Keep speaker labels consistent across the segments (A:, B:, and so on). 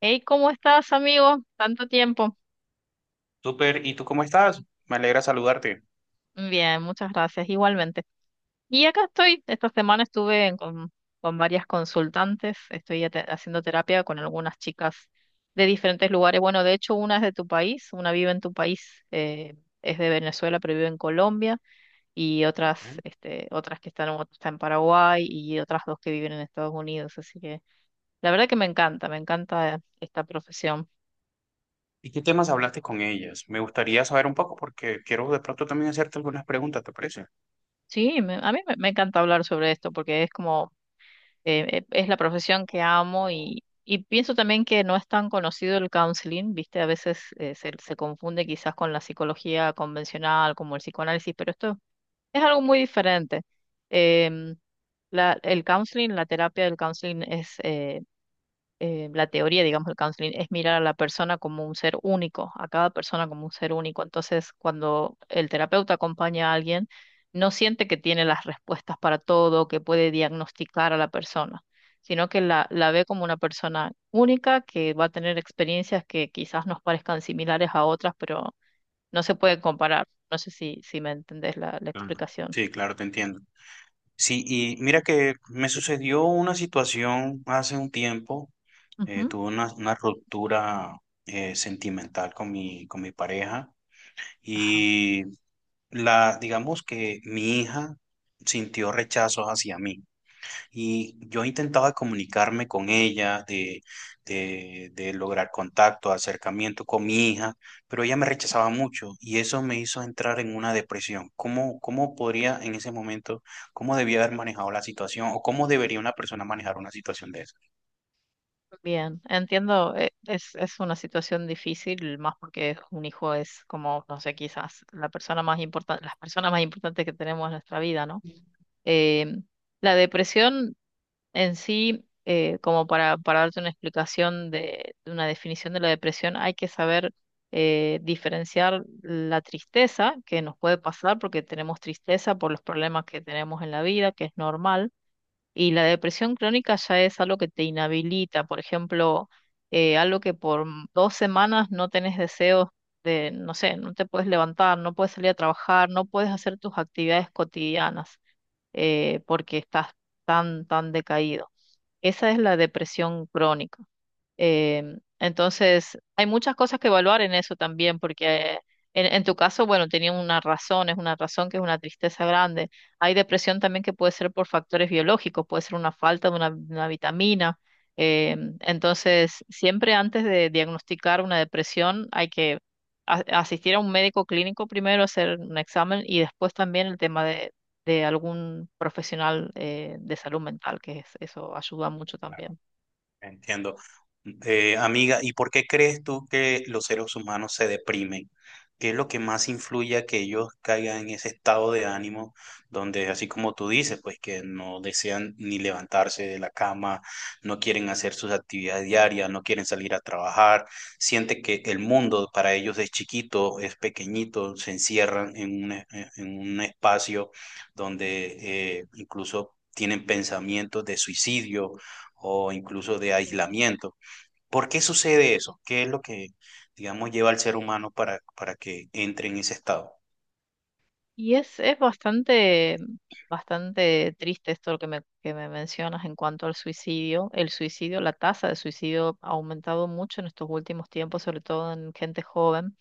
A: Hey, ¿cómo estás, amigo? Tanto tiempo.
B: Súper, ¿y tú cómo estás? Me alegra saludarte.
A: Bien, muchas gracias, igualmente. Y acá estoy, esta semana estuve con varias consultantes, estoy haciendo terapia con algunas chicas de diferentes lugares. Bueno, de hecho, una es de tu país, una vive en tu país, es de Venezuela, pero vive en Colombia, y otras,
B: Ok.
A: este, otras que están, otra está en Paraguay y otras dos que viven en Estados Unidos. Así que la verdad que me encanta esta profesión.
B: ¿Y qué temas hablaste con ellas? Me gustaría saber un poco porque quiero de pronto también hacerte algunas preguntas, ¿te parece?
A: Sí, a mí me encanta hablar sobre esto porque es como es la profesión que amo y pienso también que no es tan conocido el counseling, ¿viste? A veces se confunde quizás con la psicología convencional, como el psicoanálisis, pero esto es algo muy diferente. Em, el counseling, la terapia del counseling es la teoría, digamos, del counseling es mirar a la persona como un ser único, a cada persona como un ser único. Entonces, cuando el terapeuta acompaña a alguien, no siente que tiene las respuestas para todo, que puede diagnosticar a la persona, sino que la ve como una persona única que va a tener experiencias que quizás nos parezcan similares a otras, pero no se pueden comparar. No sé si, si me entendés la, la
B: Claro.
A: explicación.
B: Sí, claro, te entiendo. Sí, y mira que me sucedió una situación hace un tiempo. eh,
A: Ujú.
B: tuve una ruptura sentimental con mi pareja
A: Ajá.
B: y digamos que mi hija sintió rechazos hacia mí. Y yo intentaba comunicarme con ella, de lograr contacto, acercamiento con mi hija, pero ella me rechazaba mucho y eso me hizo entrar en una depresión. ¿Cómo podría en ese momento, cómo debía haber manejado la situación o cómo debería una persona manejar una situación de esa?
A: Bien, entiendo, es una situación difícil, más porque un hijo es como, no sé, quizás la persona más importante, las personas más importantes que tenemos en nuestra vida, ¿no? Eh, la depresión en sí, como para darte una explicación de una definición de la depresión, hay que saber diferenciar la tristeza que nos puede pasar porque tenemos tristeza por los problemas que tenemos en la vida, que es normal, y la depresión crónica ya es algo que te inhabilita, por ejemplo, algo que por 2 semanas no tenés deseos de, no sé, no te puedes levantar, no puedes salir a trabajar, no puedes hacer tus actividades cotidianas porque estás tan, tan decaído. Esa es la depresión crónica. Entonces, hay muchas cosas que evaluar en eso también, porque en tu caso, bueno, tenía una razón, es una razón que es una tristeza grande. Hay depresión también que puede ser por factores biológicos, puede ser una falta de una vitamina. Entonces, siempre antes de diagnosticar una depresión, hay que asistir a un médico clínico primero, hacer un examen y después también el tema de algún profesional de salud mental, eso ayuda mucho también.
B: Entiendo. Amiga, ¿y por qué crees tú que los seres humanos se deprimen? ¿Qué es lo que más influye a que ellos caigan en ese estado de ánimo donde, así como tú dices, pues que no desean ni levantarse de la cama, no quieren hacer sus actividades diarias, no quieren salir a trabajar, siente que el mundo para ellos es chiquito, es pequeñito, se encierran en un, en un espacio donde incluso tienen pensamientos de suicidio o incluso de
A: Sí.
B: aislamiento. ¿Por qué sucede eso? ¿Qué es lo que, digamos, lleva al ser humano para que entre en ese estado?
A: Y es bastante, bastante triste esto lo que me mencionas en cuanto al suicidio. El suicidio, la tasa de suicidio ha aumentado mucho en estos últimos tiempos, sobre todo en gente joven.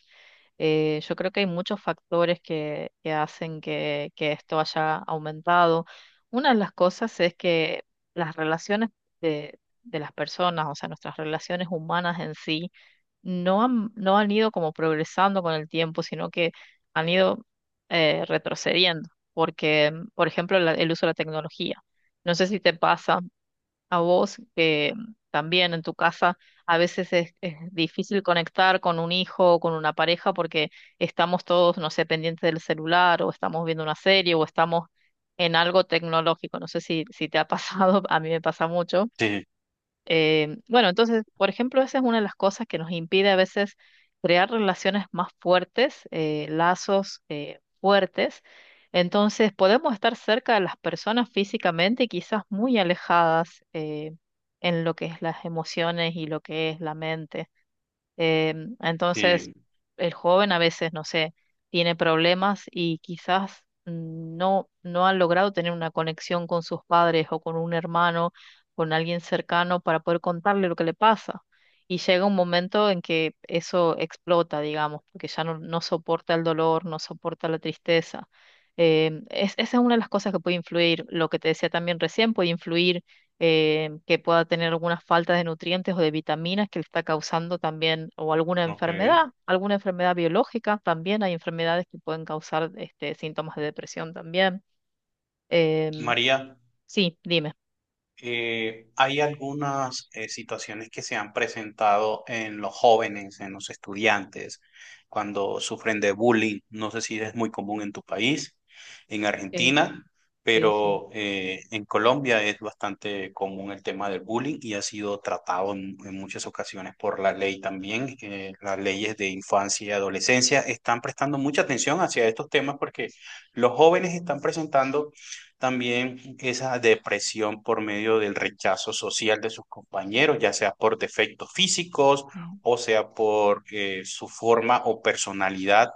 A: Yo creo que hay muchos factores que hacen que esto haya aumentado. Una de las cosas es que las relaciones de las personas, o sea, nuestras relaciones humanas en sí, no han, no han ido como progresando con el tiempo, sino que han ido retrocediendo, porque, por ejemplo, el uso de la tecnología. No sé si te pasa a vos, que también en tu casa a veces es difícil conectar con un hijo o con una pareja porque estamos todos, no sé, pendientes del celular o estamos viendo una serie o estamos en algo tecnológico. No sé si, si te ha pasado, a mí me pasa mucho.
B: Sí,
A: Bueno, entonces, por ejemplo, esa es una de las cosas que nos impide a veces crear relaciones más fuertes, lazos fuertes. Entonces, podemos estar cerca de las personas físicamente y quizás muy alejadas en lo que es las emociones y lo que es la mente. Eh, entonces,
B: sí,
A: el joven a veces, no sé, tiene problemas y quizás no, no han logrado tener una conexión con sus padres o con un hermano, con alguien cercano para poder contarle lo que le pasa. Y llega un momento en que eso explota, digamos, porque ya no, no soporta el dolor, no soporta la tristeza. Esa es una de las cosas que puede influir. Lo que te decía también recién puede influir que pueda tener alguna falta de nutrientes o de vitaminas que le está causando también, o
B: ok.
A: alguna enfermedad biológica también, hay enfermedades que pueden causar este, síntomas de depresión también. Em,
B: María.
A: sí, dime.
B: Hay algunas situaciones que se han presentado en los jóvenes, en los estudiantes, cuando sufren de bullying. No sé si es muy común en tu país, en
A: Sí,
B: Argentina,
A: sí, sí.
B: pero en Colombia es bastante común el tema del bullying y ha sido tratado en muchas ocasiones por la ley también. Las leyes de infancia y adolescencia están prestando mucha atención hacia estos temas porque los jóvenes están presentando también esa depresión por medio del rechazo social de sus compañeros, ya sea por defectos físicos
A: Sí.
B: o sea por su forma o personalidad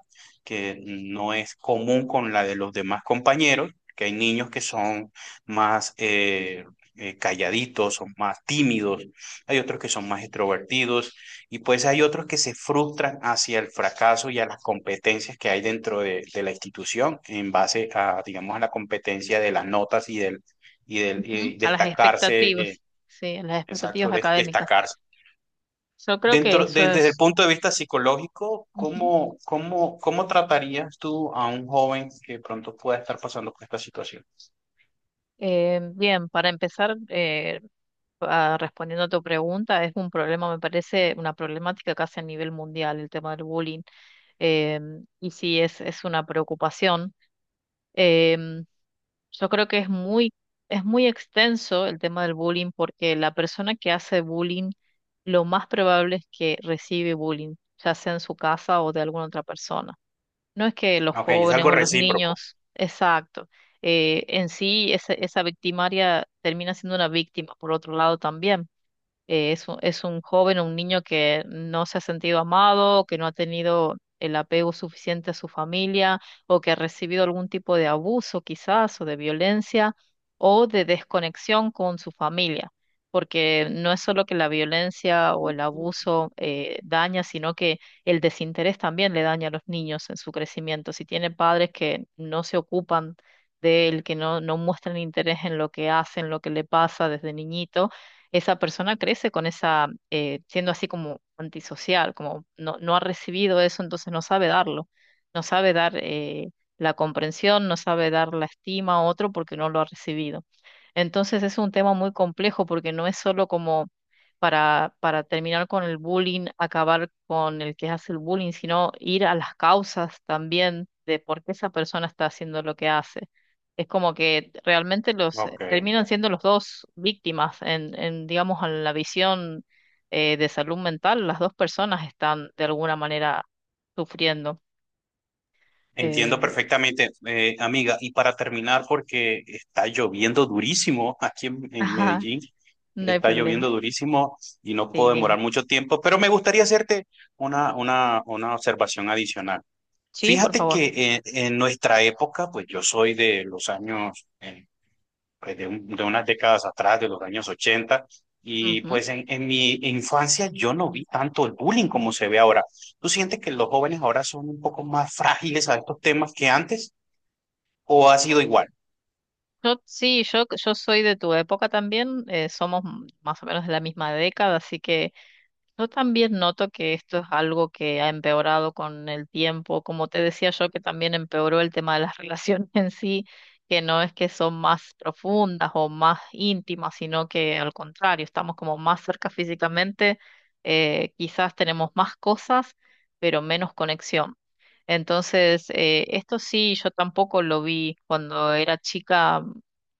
B: que no es común con la de los demás compañeros, que hay niños que son más calladitos, son más tímidos, hay otros que son más extrovertidos y pues hay otros que se frustran hacia el fracaso y a las competencias que hay dentro de la institución en base a, digamos, a la competencia de las notas
A: Ujú.
B: y
A: A las
B: destacarse,
A: expectativas, sí, a las expectativas
B: exacto,
A: académicas.
B: destacarse.
A: Yo creo que eso
B: Desde el
A: es...
B: punto de vista psicológico,
A: Ujú.
B: ¿cómo tratarías tú a un joven que pronto pueda estar pasando por esta situación?
A: Bien, para empezar, respondiendo a tu pregunta, es un problema, me parece, una problemática casi a nivel mundial, el tema del bullying. Y sí es una preocupación. Em, yo creo que es muy extenso el tema del bullying porque la persona que hace bullying, lo más probable es que recibe bullying, ya sea en su casa o de alguna otra persona. No es que los
B: Ok, es
A: jóvenes
B: algo
A: o los
B: recíproco.
A: niños, exacto. En sí, esa victimaria termina siendo una víctima, por otro lado también es un joven o un niño que no se ha sentido amado, que no ha tenido el apego suficiente a su familia o que ha recibido algún tipo de abuso quizás o de violencia o de desconexión con su familia. Porque no es solo que la violencia o el abuso daña, sino que el desinterés también le daña a los niños en su crecimiento. Si tiene padres que no se ocupan de él, que no, no muestran interés en lo que hacen, lo que le pasa desde niñito, esa persona crece con esa, siendo así como antisocial, como no, no ha recibido eso, entonces no sabe darlo, no sabe dar la comprensión, no sabe dar la estima a otro porque no lo ha recibido. Entonces es un tema muy complejo porque no es solo como para terminar con el bullying, acabar con el que hace el bullying, sino ir a las causas también de por qué esa persona está haciendo lo que hace, es como que realmente los
B: Ok.
A: terminan siendo los dos víctimas en digamos, en la visión de salud mental. Las dos personas están de alguna manera sufriendo.
B: Entiendo
A: Eh,
B: perfectamente, amiga. Y para terminar, porque está lloviendo durísimo aquí en
A: ajá,
B: Medellín,
A: no hay
B: está
A: problema.
B: lloviendo durísimo y no
A: Sí,
B: puedo demorar
A: dime.
B: mucho tiempo, pero me gustaría hacerte una observación adicional.
A: Sí, por
B: Fíjate que
A: favor.
B: en nuestra época, pues yo soy de los años pues, de unas décadas atrás, de los años 80. Y
A: Ujú.
B: pues en mi infancia yo no vi tanto el bullying como se ve ahora. ¿Tú sientes que los jóvenes ahora son un poco más frágiles a estos temas que antes o ha sido igual?
A: Yo, sí, yo soy de tu época también. Somos más o menos de la misma década, así que yo también noto que esto es algo que ha empeorado con el tiempo, como te decía yo, que también empeoró el tema de las relaciones en sí, que no es que son más profundas o más íntimas, sino que al contrario, estamos como más cerca físicamente, quizás tenemos más cosas, pero menos conexión. Entonces, esto sí, yo tampoco lo vi cuando era chica,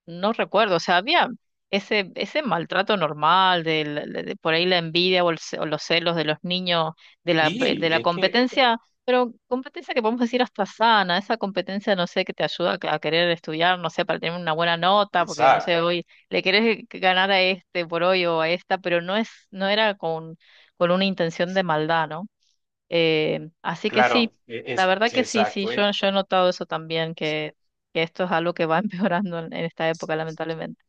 A: no recuerdo, o sea, había ese, ese maltrato normal, de por ahí la envidia o, o los celos de los niños, de la,
B: Sí,
A: de la
B: es que,
A: competencia, pero competencia que podemos decir hasta sana, esa competencia, no sé, que te ayuda a, a querer estudiar, no sé, para tener una buena nota, porque no
B: exacto,
A: sé, hoy le querés ganar a este por hoy o a esta, pero no es, no era con una intención de maldad, ¿no? Así que
B: claro,
A: sí,
B: e-
A: la
B: es,
A: verdad que sí, sí,
B: exacto.
A: yo he notado eso también, que esto es algo que va empeorando en esta época, lamentablemente.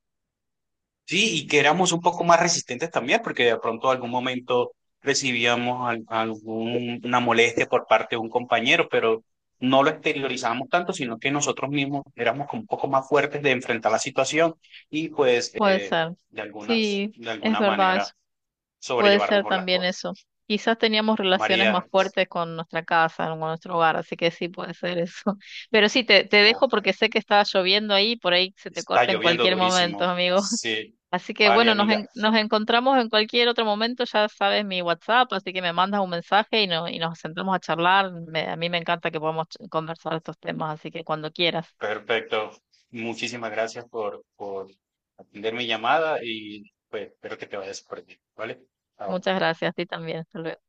B: Sí, y que éramos un poco más resistentes también, porque de pronto algún momento recibíamos alguna molestia por parte de un compañero, pero no lo exteriorizábamos tanto, sino que nosotros mismos éramos como un poco más fuertes de enfrentar la situación y pues
A: Puede ser.
B: de alguna,
A: Sí,
B: de
A: es
B: alguna
A: verdad
B: manera
A: eso. Puede
B: sobrellevar
A: ser
B: mejor las
A: también
B: cosas.
A: eso. Quizás teníamos relaciones más
B: María.
A: fuertes con nuestra casa, con nuestro hogar, así que sí puede ser eso. Pero sí, te dejo
B: Ok,
A: porque sé que está lloviendo ahí, por ahí se te
B: está
A: corta en
B: lloviendo
A: cualquier momento,
B: durísimo.
A: amigo.
B: Sí,
A: Así que
B: vale,
A: bueno, nos,
B: amiga.
A: nos encontramos en cualquier otro momento, ya sabes mi WhatsApp, así que me mandas un mensaje y, no, y nos sentamos a charlar. A mí me encanta que podamos conversar estos temas, así que cuando quieras.
B: Perfecto. Muchísimas gracias por atender mi llamada y pues espero que te vayas por bien, ¿vale? Chao.
A: Muchas gracias, a ti también. Hasta luego.